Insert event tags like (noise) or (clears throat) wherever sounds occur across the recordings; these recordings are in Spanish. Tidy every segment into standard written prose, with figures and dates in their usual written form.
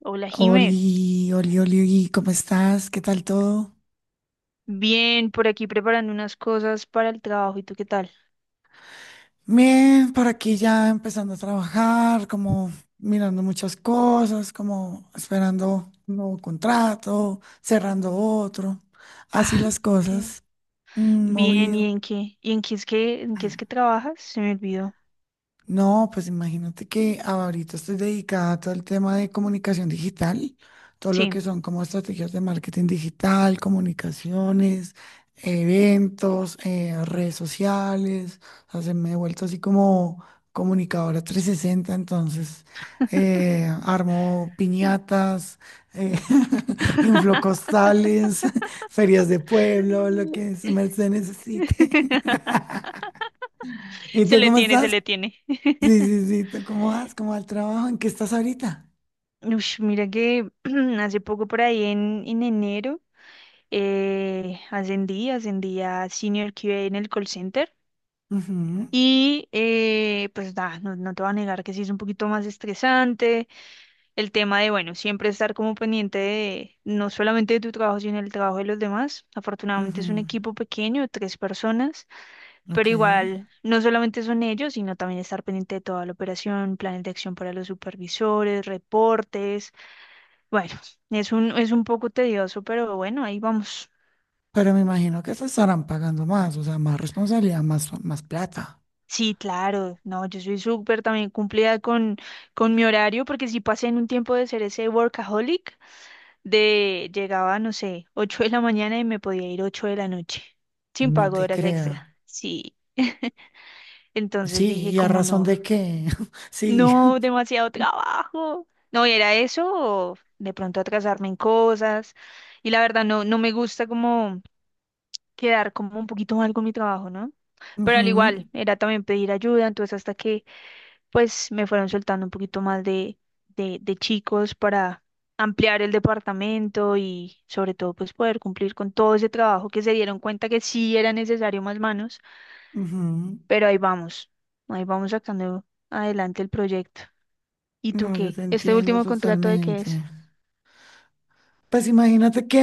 Hola, Jime. Oli, Oli, Oli, Oli, ¿cómo estás? ¿Qué tal todo? Bien, por aquí preparando unas cosas para el trabajo. ¿Y tú qué tal? Bien, por aquí ya empezando a trabajar, como mirando muchas cosas, como esperando un nuevo contrato, cerrando otro, así Ah, las qué cosas, bien. ¿Y movido. en qué? ¿Y en qué es que en qué es que trabajas? Se me olvidó. No, pues imagínate que ahorita estoy dedicada a todo el tema de comunicación digital, todo lo Sí. que son como estrategias de marketing digital, comunicaciones, eventos, redes sociales. O sea, se me he vuelto así como comunicadora 360, entonces armo piñatas, eh, (laughs) inflocostales, (laughs) ferias de pueblo, lo que (laughs) se merced necesite. (laughs) ¿Y Se tú le cómo tiene, se estás? le tiene. Sí, sí, sí. ¿Tú cómo vas? ¿Cómo va el trabajo? ¿En qué estás ahorita? Ush, mira que (clears throat) hace poco por ahí en enero ascendí a Senior QA en el call center. Ujú, Y pues nada, no te voy a negar que sí es un poquito más estresante, el tema de, bueno, siempre estar como pendiente de, no solamente de tu trabajo, sino del trabajo de los demás. Afortunadamente es un ujú. equipo pequeño, 3 personas, pero Ok. igual no solamente son ellos, sino también estar pendiente de toda la operación, planes de acción para los supervisores, reportes. Bueno, es un poco tedioso, pero bueno, ahí vamos. Pero me imagino que te estarán pagando más, o sea, más responsabilidad, más plata. Sí, claro, no, yo soy súper también cumplida con mi horario, porque sí pasé en un tiempo de ser ese workaholic, de llegaba, no sé, 8 de la mañana y me podía ir 8 de la noche, sin No pago de te horas extra. creo. Sí. (laughs) Entonces Sí, dije ¿y a como razón no, de qué? (laughs) Sí. no, demasiado trabajo. No, y era eso, o de pronto atrasarme en cosas. Y la verdad no, no me gusta como quedar como un poquito mal con mi trabajo, ¿no? Pero al igual, Ujú, era también pedir ayuda, entonces hasta que pues me fueron soltando un poquito más de chicos para ampliar el departamento y sobre todo pues poder cumplir con todo ese trabajo que se dieron cuenta que sí era necesario más manos, ujú. pero ahí vamos sacando adelante el proyecto. ¿Y tú No, yo qué? te ¿Este entiendo último contrato de qué totalmente. es? Pues imagínate que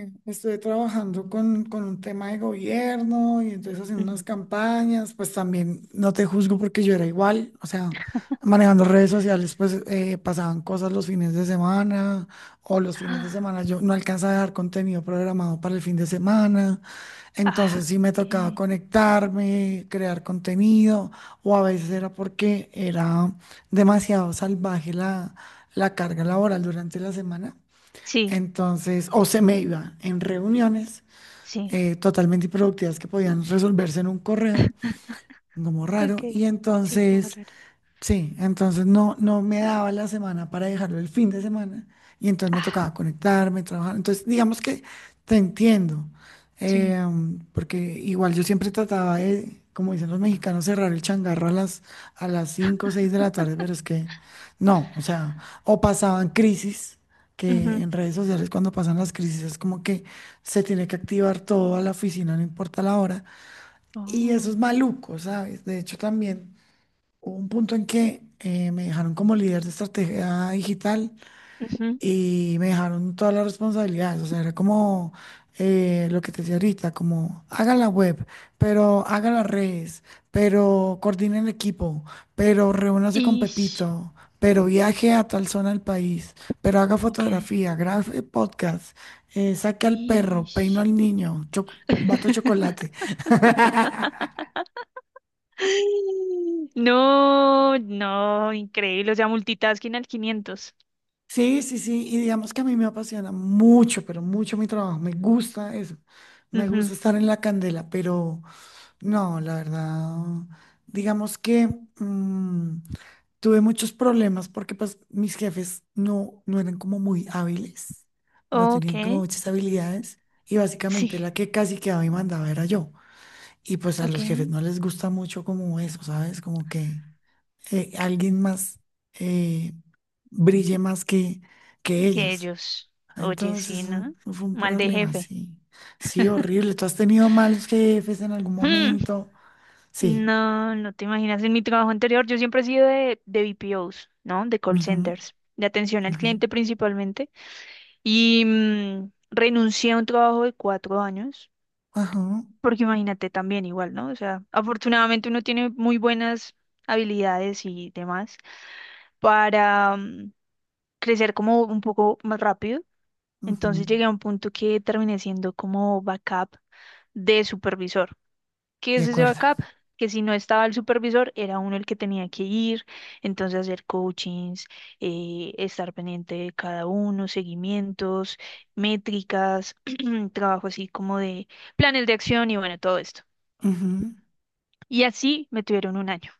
estuve trabajando con un tema de gobierno y entonces haciendo unas Ujú. (gasps) campañas, pues también no te juzgo porque yo era igual, o sea, manejando redes sociales, pues pasaban cosas los fines de semana o los fines de Ah, semana yo no alcanzaba a dejar contenido programado para el fin de semana, ah, entonces sí me ok. tocaba conectarme, crear contenido o a veces era porque era demasiado salvaje la carga laboral durante la semana. Sí, Entonces, o se me iba en reuniones sí. Totalmente improductivas que podían resolverse en un correo, (laughs) como Ok. raro. Y Sí, como entonces raro. sí, entonces no, no me daba la semana para dejarlo el fin de semana y entonces me Ah, tocaba conectarme, trabajar. Entonces, digamos que te entiendo, sí. eh, porque igual yo siempre trataba de, como dicen los mexicanos, cerrar el changarro a las 5 o 6 de la tarde, (laughs) pero es que no, o sea, o pasaban crisis, que Ujú. en redes sociales cuando pasan las crisis es como que se tiene que activar todo a la oficina, no importa la hora. Y eso es Oh. maluco, ¿sabes? De hecho, también hubo un punto en que me dejaron como líder de estrategia digital Ujú. y me dejaron todas las responsabilidades. O sea, era como lo que te decía ahorita, como haga la web, pero haga las redes, pero coordine el equipo, pero reúnase con Ish. Pepito, pero viaje a tal zona del país, pero haga Ok. fotografía, grabe podcast, saque al perro, peino Ish. al niño, bato chocolate. (laughs) (laughs) No, no, increíble. O sea, multitasking al quinientos. Sí, sí, sí, y digamos que a mí me apasiona mucho, pero mucho mi trabajo, me gusta eso, me gusta Ujú. estar en la candela, pero no, la verdad, digamos que mm, tuve muchos problemas porque pues mis jefes no, no eran como muy hábiles, no Ok, tenían como muchas habilidades y sí, básicamente la que casi quedaba y mandaba era yo, y pues a ok. los jefes no les gusta mucho como eso, ¿sabes? Como que alguien más eh, brille más que Que ellos. ellos. Oye, Entonces sí, eso ¿no? fue un Mal de problema, jefe. sí. Sí, horrible. ¿Tú has tenido malos jefes en algún Mm, momento? Sí. No, no te imaginas. En mi trabajo anterior, yo siempre he sido de BPOs, ¿no? De call Ujú, centers, de atención al ujú. cliente principalmente. Y renuncié a un trabajo de 4 años. Ajá, Porque imagínate también igual, ¿no? O sea, afortunadamente uno tiene muy buenas habilidades y demás para crecer como un poco más rápido. Entonces ujú. llegué a un punto que terminé siendo como backup de supervisor. ¿Qué De es ese acuerdo. backup? Que si no estaba el supervisor, era uno el que tenía que ir, entonces hacer coachings, estar pendiente de cada uno, seguimientos, métricas, (clears throat) trabajo así como de planes de acción y bueno, todo esto. Ujú. Y así me tuvieron 1 año.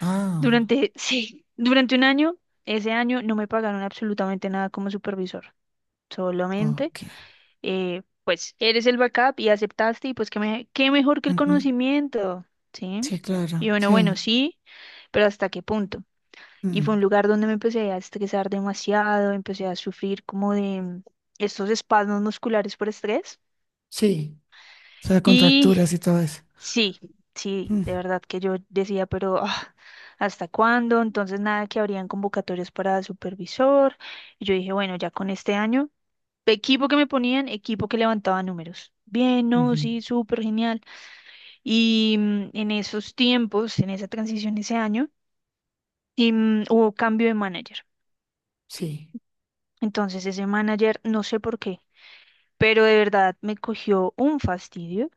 Ah, Durante, sí, durante 1 año, ese año no me pagaron absolutamente nada como supervisor. Solamente, ok. Pues, eres el backup y aceptaste y pues qué, me- qué mejor que el Ujú. conocimiento, ¿sí? Sí, claro. Y bueno, Sí. bueno, sí, pero ¿hasta qué punto? Y fue Mm, un lugar donde me empecé a estresar demasiado, empecé a sufrir como de estos espasmos musculares por estrés. sí. O sea, Y contracturas y todo eso. sí, sí, Mm, de verdad que yo decía, pero ah, ¿hasta cuándo? Entonces nada, que habrían convocatorias para supervisor. Y yo dije, bueno, ya con este año, equipo que me ponían, equipo que levantaba números. Bien, no, ujú. sí, súper genial. Y en esos tiempos, en esa transición ese año, y, hubo cambio de manager. Sí. Entonces ese manager, no sé por qué, pero de verdad me cogió un fastidio.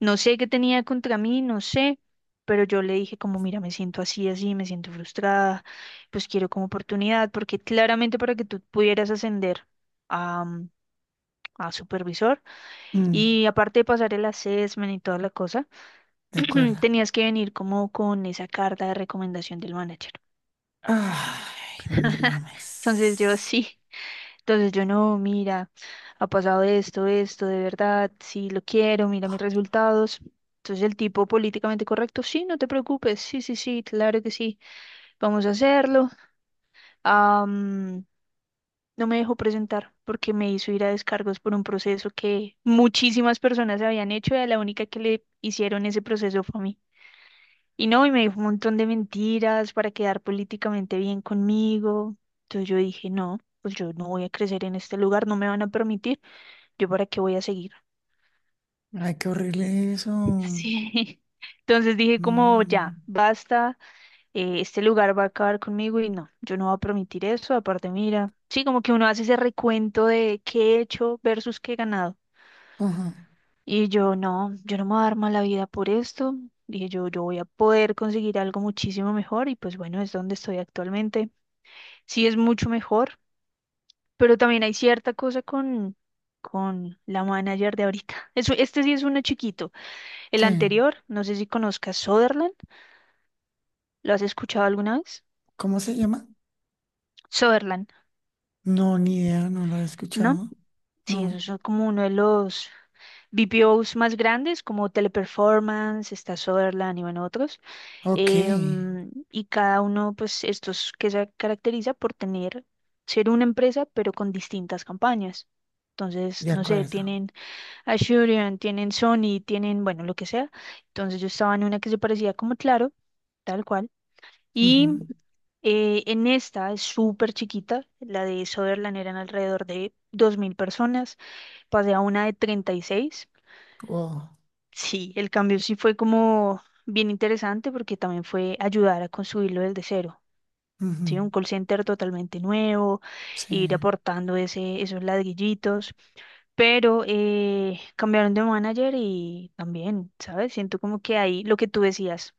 No sé qué tenía contra mí, no sé, pero yo le dije como, mira, me siento así, así, me siento frustrada, pues quiero como oportunidad, porque claramente para que tú pudieras ascender a, a supervisor Mm, y aparte de pasar el assessment y toda la cosa, de (clears throat) acuerdo. tenías que venir como con esa carta de recomendación del manager. Ay, no (laughs) mames. Entonces yo sí. Entonces yo no, mira, ha pasado esto, esto, de verdad, sí lo quiero, mira mis resultados. Entonces el tipo políticamente correcto, sí, no te preocupes, sí, sí, sí, claro que sí, vamos a hacerlo. Am, no me dejó presentar porque me hizo ir a descargos por un proceso que muchísimas personas habían hecho y a la única que le hicieron ese proceso fue a mí. Y no, y me dijo un montón de mentiras para quedar políticamente bien conmigo. Entonces yo dije, no, pues yo no voy a crecer en este lugar, no me van a permitir. ¿Yo para qué voy a seguir? Ay, qué horrible eso. Sí. (laughs) Entonces dije como Mm, ya, basta, este lugar va a acabar conmigo y no, yo no voy a permitir eso, aparte mira, sí, como que uno hace ese recuento de qué he hecho versus qué he ganado. ajá, Y yo no, yo no me voy a dar mala vida por esto, dije yo, yo voy a poder conseguir algo muchísimo mejor y pues bueno, es donde estoy actualmente. Sí es mucho mejor, pero también hay cierta cosa con la manager de ahorita. Eso, este sí es uno chiquito. El sí. anterior, no sé si conozcas Sutherland, ¿lo has escuchado alguna vez? ¿Cómo se llama? Sutherland, No, ni idea, no lo he ¿no? escuchado. Sí, No. esos son como uno de los BPOs más grandes, como Teleperformance, está Sutherland y bueno, otros. Ok, Y cada uno, pues, estos que se caracteriza por tener, ser una empresa, pero con distintas campañas. Entonces, de no sé, acuerdo. tienen Asurion, tienen Sony, tienen, bueno, lo que sea. Entonces yo estaba en una que se parecía como Claro, tal cual. Y Ujú, en esta es súper chiquita, la de Sutherland eran alrededor de 2.000 personas, pasé a una de 36. wow. Sí, el cambio sí fue como bien interesante porque también fue ayudar a construirlo desde cero. Ujú, Sí, un call center totalmente nuevo, ir sí, aportando ese, esos ladrillitos, pero cambiaron de manager y también, ¿sabes? Siento como que ahí lo que tú decías.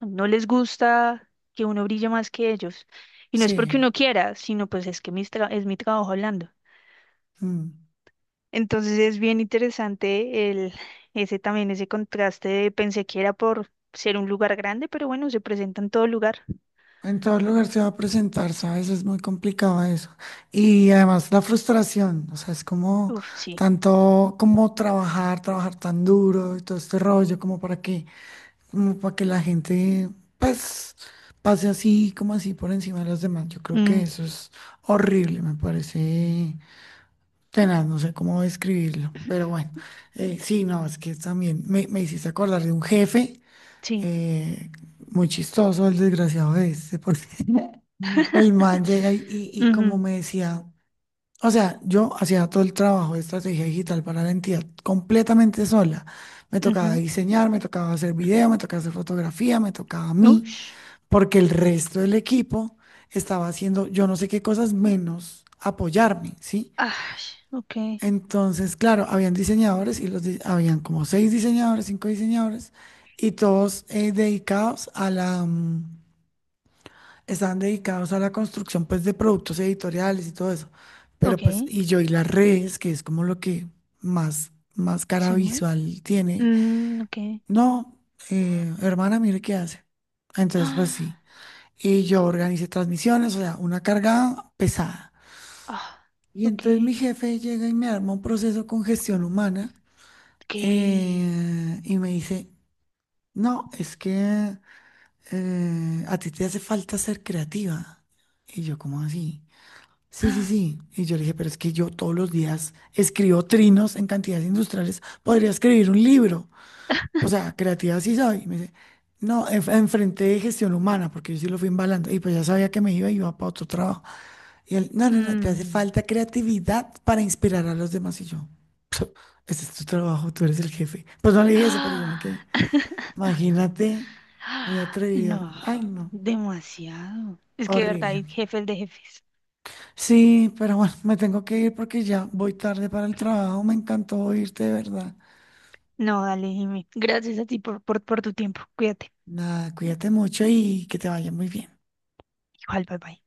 No les gusta que uno brille más que ellos. Y no es sí. porque uno quiera, sino pues es que mis tra- es mi trabajo hablando. Mm. Entonces es bien interesante el, ese también, ese contraste de pensé que era por ser un lugar grande, pero bueno, se presenta en todo lugar. En todo lugar se va a presentar, ¿sabes? Es muy complicado eso. Y además la frustración, o sea, es como Uf, sí. tanto como trabajar, trabajar tan duro y todo este rollo, como para qué. Como para que la gente, pues, pase así, como así por encima de los demás. Yo creo que Mm, eso es horrible, me parece tenaz, no sé cómo describirlo, pero (clears throat) bueno, sí, no, es que también me hiciste acordar de un jefe, sí. eh, muy chistoso el desgraciado este, porque (laughs) el (laughs) man llega y como Ujú, me decía, o sea, yo hacía todo el trabajo de estrategia digital para la entidad completamente sola. Me tocaba ujú. diseñar, me tocaba hacer video, me tocaba hacer fotografía, me tocaba a mí Ush. porque el resto del equipo estaba haciendo yo no sé qué cosas menos apoyarme, ¿sí? Ah, ok, Entonces, claro, habían diseñadores y habían como seis diseñadores, cinco diseñadores y todos dedicados a estaban dedicados a la construcción pues de productos editoriales y todo eso. Pero ok. pues y yo y las redes, que es como lo que más cara Se mueve. visual tiene. Mm, ok. (gasps) No, hermana, mire qué hace. Entonces, pues sí. Ah, Y yo organicé transmisiones, o sea, una carga pesada. ah, Y ok. entonces mi jefe llega y me arma un proceso con gestión humana Ok. (gasps) Y me dice, no, es que a ti te hace falta ser creativa. Y yo, ¿cómo así? Sí, sí, Ah. sí. Y yo le dije, pero es que yo todos los días escribo trinos en cantidades industriales, podría escribir un libro. O (laughs) sea, creativa sí soy. Y me dice, no, enfrente de gestión humana, porque yo sí lo fui embalando. Y pues ya sabía que me iba y iba para otro trabajo. Y él, no, no, no, te hace Mm. falta creatividad para inspirar a los demás. Y yo, este es tu trabajo, tú eres el jefe. Pues no le (gasps) dije eso, pero yo me ¡Ah! quedé. (laughs) Imagínate, muy atrevido. No, Ay, no, demasiado. Es que de verdad horrible. hay jefes de jefes. Sí, pero bueno, me tengo que ir porque ya voy tarde para el trabajo. Me encantó oírte, de verdad. No, dale, dime. Gracias a ti por tu tiempo. Cuídate. Nada, cuídate mucho y que te vaya muy bien. Igual, bye bye.